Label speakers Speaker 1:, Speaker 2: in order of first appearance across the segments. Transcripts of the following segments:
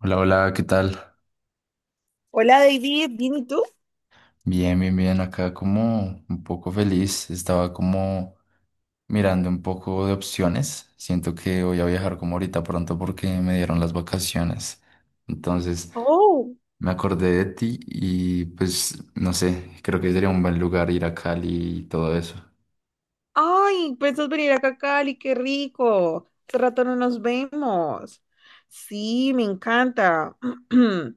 Speaker 1: Hola, hola, ¿qué tal?
Speaker 2: Hola David, ¿bien y tú?
Speaker 1: Bien, bien, bien. Acá como un poco feliz. Estaba como mirando un poco de opciones. Siento que voy a viajar como ahorita pronto porque me dieron las vacaciones. Entonces
Speaker 2: Oh,
Speaker 1: me acordé de ti y pues no sé, creo que sería un buen lugar ir a Cali y todo eso.
Speaker 2: ay, pensás venir acá a Cali, qué rico. Hace rato no nos vemos. Sí, me encanta.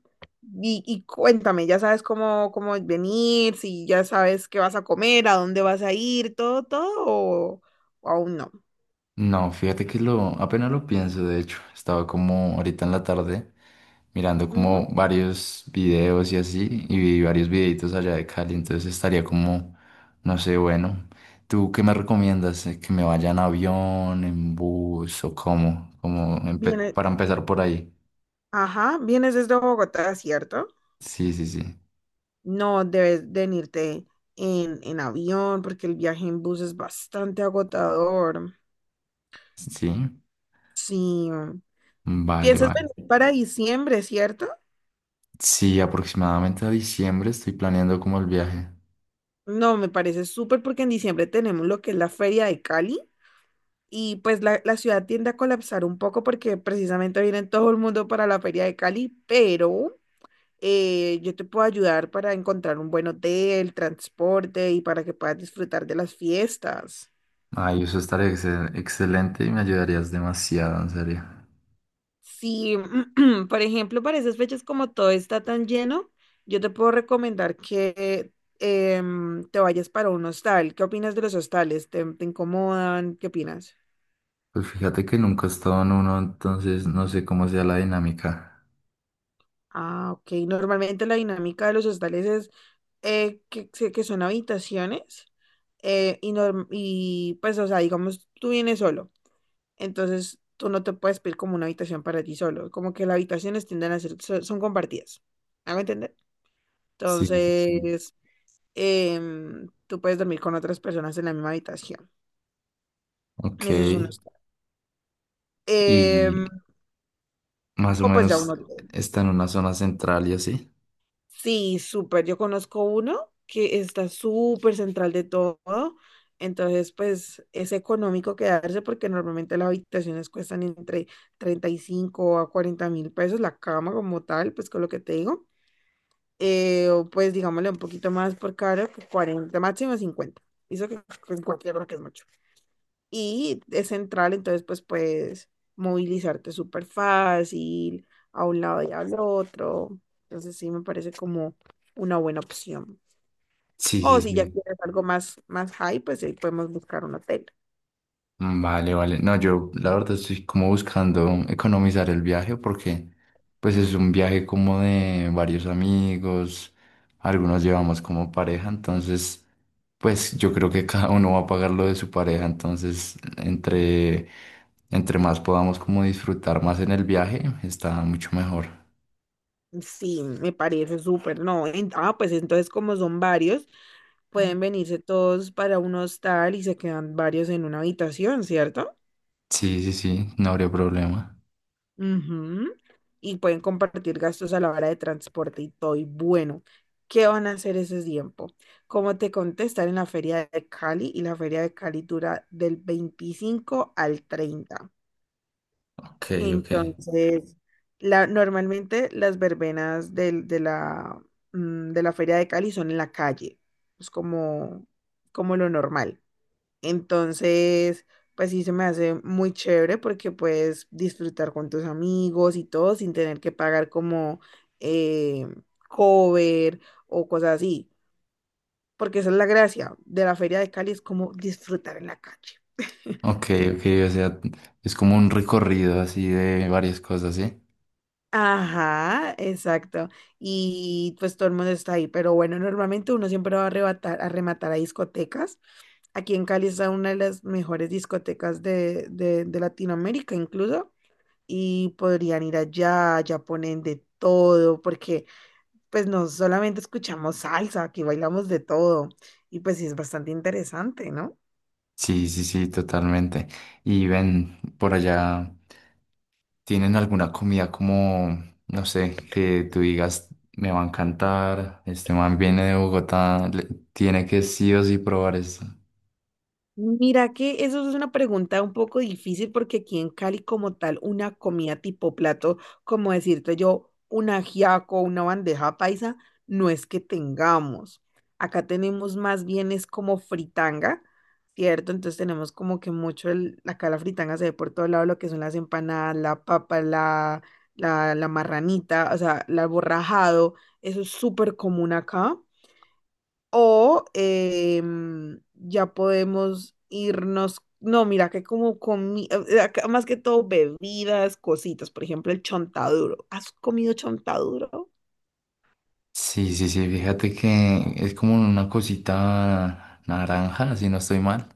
Speaker 2: Y cuéntame, ya sabes cómo venir, si ya sabes qué vas a comer, a dónde vas a ir, todo, todo, o aún no.
Speaker 1: No, fíjate que lo, apenas lo pienso, de hecho, estaba como ahorita en la tarde mirando como
Speaker 2: Ujú.
Speaker 1: varios videos y así, y vi varios videitos allá de Cali, entonces estaría como, no sé, bueno, ¿tú qué me recomiendas? ¿¿Que me vaya en avión, en bus o cómo? Como
Speaker 2: Vienes,
Speaker 1: para empezar por ahí.
Speaker 2: ajá, vienes desde Bogotá, ¿cierto?
Speaker 1: Sí, sí, sí.
Speaker 2: No debes venirte en avión porque el viaje en bus es bastante agotador.
Speaker 1: Sí,
Speaker 2: Sí.
Speaker 1: vale,
Speaker 2: ¿Piensas
Speaker 1: vale.
Speaker 2: venir para diciembre, cierto?
Speaker 1: Sí, aproximadamente a diciembre estoy planeando como el viaje.
Speaker 2: No, me parece súper porque en diciembre tenemos lo que es la Feria de Cali y pues la ciudad tiende a colapsar un poco porque precisamente viene todo el mundo para la Feria de Cali, pero yo te puedo ayudar para encontrar un buen hotel, transporte y para que puedas disfrutar de las fiestas.
Speaker 1: Ay, eso estaría excelente y me ayudarías demasiado, en serio.
Speaker 2: Si, por ejemplo, para esas fechas como todo está tan lleno, yo te puedo recomendar que te vayas para un hostal. ¿Qué opinas de los hostales? ¿Te incomodan? ¿Qué opinas?
Speaker 1: Pues fíjate que nunca he estado en uno, entonces no sé cómo sea la dinámica.
Speaker 2: Ah, ok. Normalmente la dinámica de los hostales es que son habitaciones y pues, o sea, digamos, tú vienes solo. Entonces, tú no te puedes pedir como una habitación para ti solo. Como que las habitaciones tienden a ser. Son compartidas. ¿Me hago entender?
Speaker 1: Sí, sí, sí.
Speaker 2: Entonces, tú puedes dormir con otras personas en la misma habitación.
Speaker 1: Ok.
Speaker 2: Eso es un hostal.
Speaker 1: Y
Speaker 2: Em,
Speaker 1: más o
Speaker 2: o pues ya un
Speaker 1: menos
Speaker 2: hotel.
Speaker 1: está en una zona central y así.
Speaker 2: Sí, súper. Yo conozco uno que está súper central de todo. Entonces, pues es económico quedarse porque normalmente las habitaciones cuestan entre 35.000 a 40.000 pesos, la cama como tal, pues con lo que te digo. O pues digámosle un poquito más por cara, que 40, máximo cincuenta. Eso que en cualquier hora que es mucho. Y es central, entonces pues puedes movilizarte súper fácil a un lado y al otro. Entonces sí me parece como una buena opción.
Speaker 1: Sí,
Speaker 2: O
Speaker 1: sí,
Speaker 2: si ya
Speaker 1: sí.
Speaker 2: quieres algo más high, pues ahí podemos buscar un hotel.
Speaker 1: Vale, vale. No, yo la verdad estoy como buscando economizar el viaje porque pues es un viaje como de varios amigos, algunos llevamos como pareja, entonces pues yo creo que cada uno va a pagar lo de su pareja, entonces entre, entre más podamos como disfrutar más en el viaje, está mucho mejor.
Speaker 2: Sí, me parece súper, no. Pues entonces como son varios, pueden venirse todos para un hostal y se quedan varios en una habitación, ¿cierto?
Speaker 1: Sí, sí, sí, no habría problema.
Speaker 2: Ujú. Y pueden compartir gastos a la hora de transporte y todo. Y bueno, ¿qué van a hacer ese tiempo? Como te conté, estar en la Feria de Cali, y la Feria de Cali dura del 25 al 30.
Speaker 1: Ok, ok.
Speaker 2: Entonces, normalmente las verbenas de la Feria de Cali son en la calle. Es como lo normal. Entonces, pues sí se me hace muy chévere porque puedes disfrutar con tus amigos y todo sin tener que pagar como eh, cover o cosas así. Porque esa es la gracia de la Feria de Cali, es como disfrutar en la calle.
Speaker 1: Ok, ok, o sea, es como un recorrido así de varias cosas, ¿sí?
Speaker 2: Ajá, exacto. Y pues todo el mundo está ahí. Pero bueno, normalmente uno siempre va a arrebatar, a rematar a discotecas. Aquí en Cali está una de las mejores discotecas de Latinoamérica, incluso. Y podrían ir allá, allá ponen de todo, porque pues no solamente escuchamos salsa, aquí bailamos de todo y pues sí es bastante interesante, ¿no?
Speaker 1: Sí, sí, sí, totalmente. Y ven, por allá, ¿tienen alguna comida como, no sé, que tú digas, me va a encantar, este man viene de Bogotá, le- tiene que sí o sí probar esto?
Speaker 2: Mira que eso es una pregunta un poco difícil porque aquí en Cali como tal una comida tipo plato, como decirte yo, un ajiaco, una bandeja paisa, no es que tengamos. Acá tenemos más bien es como fritanga, ¿cierto? Entonces tenemos como que mucho acá la fritanga se ve por todo lado, lo que son las empanadas, la papa, la marranita, o sea, el borrajado, eso es súper común acá. O ya podemos irnos, no, mira que como comida, más que todo bebidas, cositas, por ejemplo, el chontaduro. ¿Has comido chontaduro?
Speaker 1: Sí, sí, sí, fíjate que es como una cosita naranja, si no estoy mal.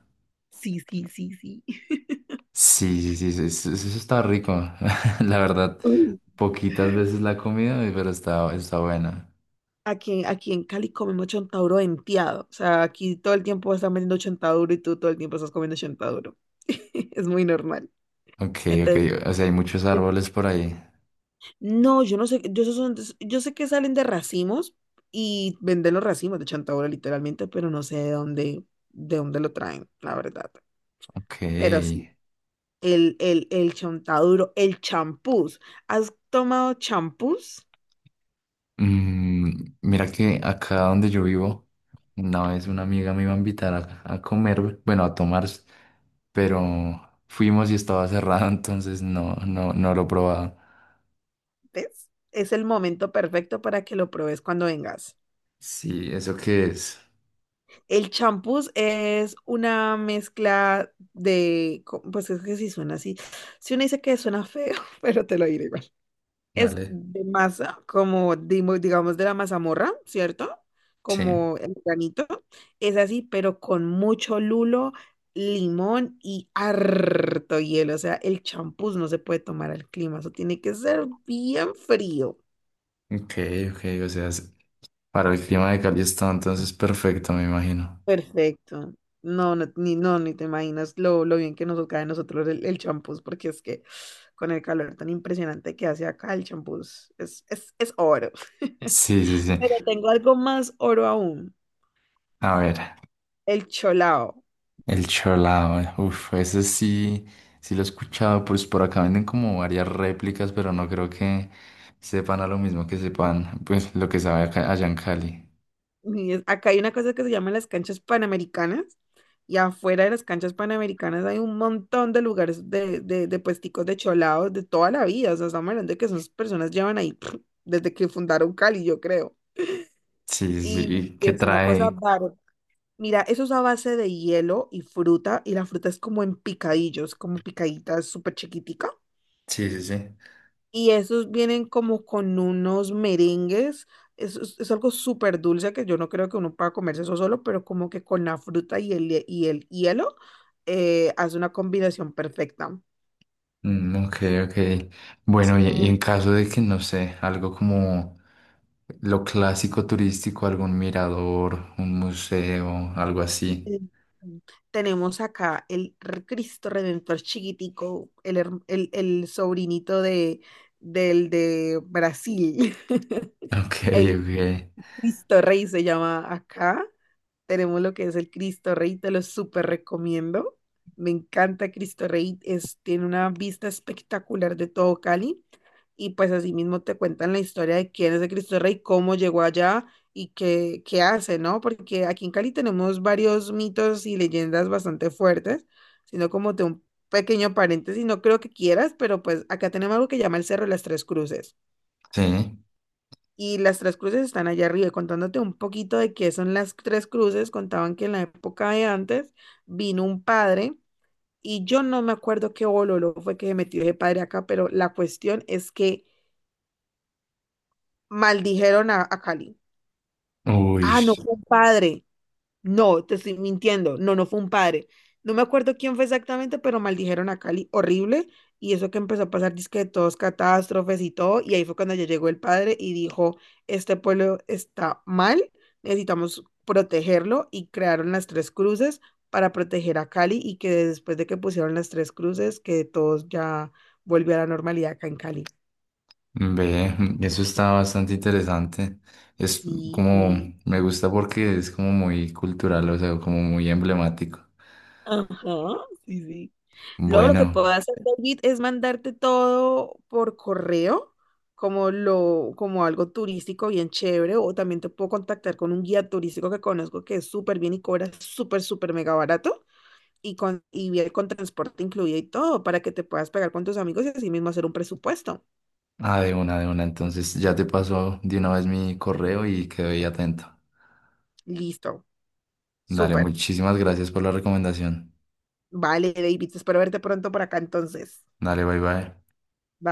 Speaker 2: Sí, sí, sí, sí.
Speaker 1: Sí, sí, sí, sí, eso está rico. La verdad,
Speaker 2: Uy.
Speaker 1: poquitas veces la he comido, pero está, está buena.
Speaker 2: Aquí en Cali comemos chontaduro venteado. O sea, aquí todo el tiempo están vendiendo chontaduro y tú todo el tiempo estás comiendo chontaduro. Es muy normal.
Speaker 1: Ok, ok,
Speaker 2: Entonces,
Speaker 1: o sea, hay muchos árboles por ahí.
Speaker 2: no, yo no sé, yo sé que salen de racimos y venden los racimos de Chantaura literalmente, pero no sé de dónde lo traen, la verdad.
Speaker 1: Ok.
Speaker 2: Pero sí, el Chontaduro, el champús. ¿Has tomado champús?
Speaker 1: Mm, mira que acá donde yo vivo, una vez una amiga me iba a invitar a comer, bueno, a tomar, pero fuimos y estaba cerrado, entonces no, no lo probaba.
Speaker 2: ¿Ves? Es el momento perfecto para que lo pruebes cuando vengas.
Speaker 1: Sí, ¿eso qué es?
Speaker 2: El champús es una mezcla pues es que si suena así, si uno dice que suena feo, pero te lo diré igual. Es
Speaker 1: Dale.
Speaker 2: de masa, como digamos de la mazamorra, ¿cierto?
Speaker 1: Sí.
Speaker 2: Como el granito. Es así, pero con mucho lulo, limón y harto hielo. O sea, el champús no se puede tomar al clima. Eso tiene que ser bien frío.
Speaker 1: Ok, ok, o sea, para el clima de Cali está entonces perfecto, me imagino.
Speaker 2: Perfecto. No, no, ni, no, ni te imaginas lo bien que nos cae a nosotros el champús, porque es que con el calor tan impresionante que hace acá, el champús es oro.
Speaker 1: Sí, sí, sí.
Speaker 2: Pero tengo algo más oro aún.
Speaker 1: A ver.
Speaker 2: El cholao.
Speaker 1: El cholao, uff, ese sí, sí lo he escuchado, pues por acá venden como varias réplicas, pero no creo que sepan a lo mismo que sepan, pues lo que sabe allá en Cali.
Speaker 2: Acá hay una cosa que se llama las canchas panamericanas y afuera de las canchas panamericanas hay un montón de lugares de puesticos de cholaos de toda la vida. O sea, estamos hablando de que esas personas llevan ahí desde que fundaron Cali, yo creo.
Speaker 1: Sí, sí,
Speaker 2: Y
Speaker 1: sí, y que
Speaker 2: es una cosa
Speaker 1: trae,
Speaker 2: bárbara. Mira, eso es a base de hielo y fruta y la fruta es como en picadillos, como picaditas súper chiquitica.
Speaker 1: sí, sí, sí.
Speaker 2: Y esos vienen como con unos merengues. Es algo súper dulce que yo no creo que uno pueda comerse eso solo, pero como que con la fruta y el hielo hace una combinación perfecta.
Speaker 1: Mm, ok, ok.
Speaker 2: Es
Speaker 1: Bueno, y
Speaker 2: como-
Speaker 1: en caso de que, no sé, algo como lo clásico turístico, algún mirador, un museo, algo así.
Speaker 2: eh, Tenemos acá Cristo Redentor chiquitico, el sobrinito del de Brasil.
Speaker 1: Ok,
Speaker 2: El
Speaker 1: ok.
Speaker 2: Cristo Rey se llama acá. Tenemos lo que es el Cristo Rey, te lo súper recomiendo. Me encanta Cristo Rey, tiene una vista espectacular de todo Cali. Y pues así mismo te cuentan la historia de quién es el Cristo Rey, cómo llegó allá y qué hace, ¿no? Porque aquí en Cali tenemos varios mitos y leyendas bastante fuertes, sino como de un pequeño paréntesis, no creo que quieras, pero pues acá tenemos algo que llama el Cerro de las Tres Cruces.
Speaker 1: Sí.
Speaker 2: Y las tres cruces están allá arriba. Contándote un poquito de qué son las tres cruces, contaban que en la época de antes vino un padre y yo no me acuerdo qué bololo fue que se metió ese padre acá, pero la cuestión es que maldijeron a Cali.
Speaker 1: Uy.
Speaker 2: Ah, no fue un padre. No, te estoy mintiendo. No, no fue un padre. No me acuerdo quién fue exactamente, pero maldijeron a Cali horrible. Y eso que empezó a pasar, disque de todos catástrofes y todo. Y ahí fue cuando ya llegó el padre y dijo, este pueblo está mal, necesitamos protegerlo. Y crearon las tres cruces para proteger a Cali y que después de que pusieron las tres cruces, que todos ya volvió a la normalidad acá en Cali.
Speaker 1: Ve, eso está bastante interesante. Es
Speaker 2: Sí,
Speaker 1: como, me gusta porque es como muy cultural, o sea, como muy emblemático.
Speaker 2: ajá, sí, sí. Luego lo que puedo
Speaker 1: Bueno,
Speaker 2: hacer, David, es mandarte todo por correo, como algo turístico bien chévere, o también te puedo contactar con un guía turístico que conozco que es súper bien y cobra súper, súper mega barato, y con, y viene con transporte incluido y todo, para que te puedas pegar con tus amigos y así mismo hacer un presupuesto.
Speaker 1: ah, de una, de una. Entonces ya te paso de una vez mi correo y quedo ahí atento.
Speaker 2: Listo,
Speaker 1: Dale,
Speaker 2: súper.
Speaker 1: muchísimas gracias por la recomendación.
Speaker 2: Vale, David, espero verte pronto por acá entonces.
Speaker 1: Dale, bye bye.
Speaker 2: Bye.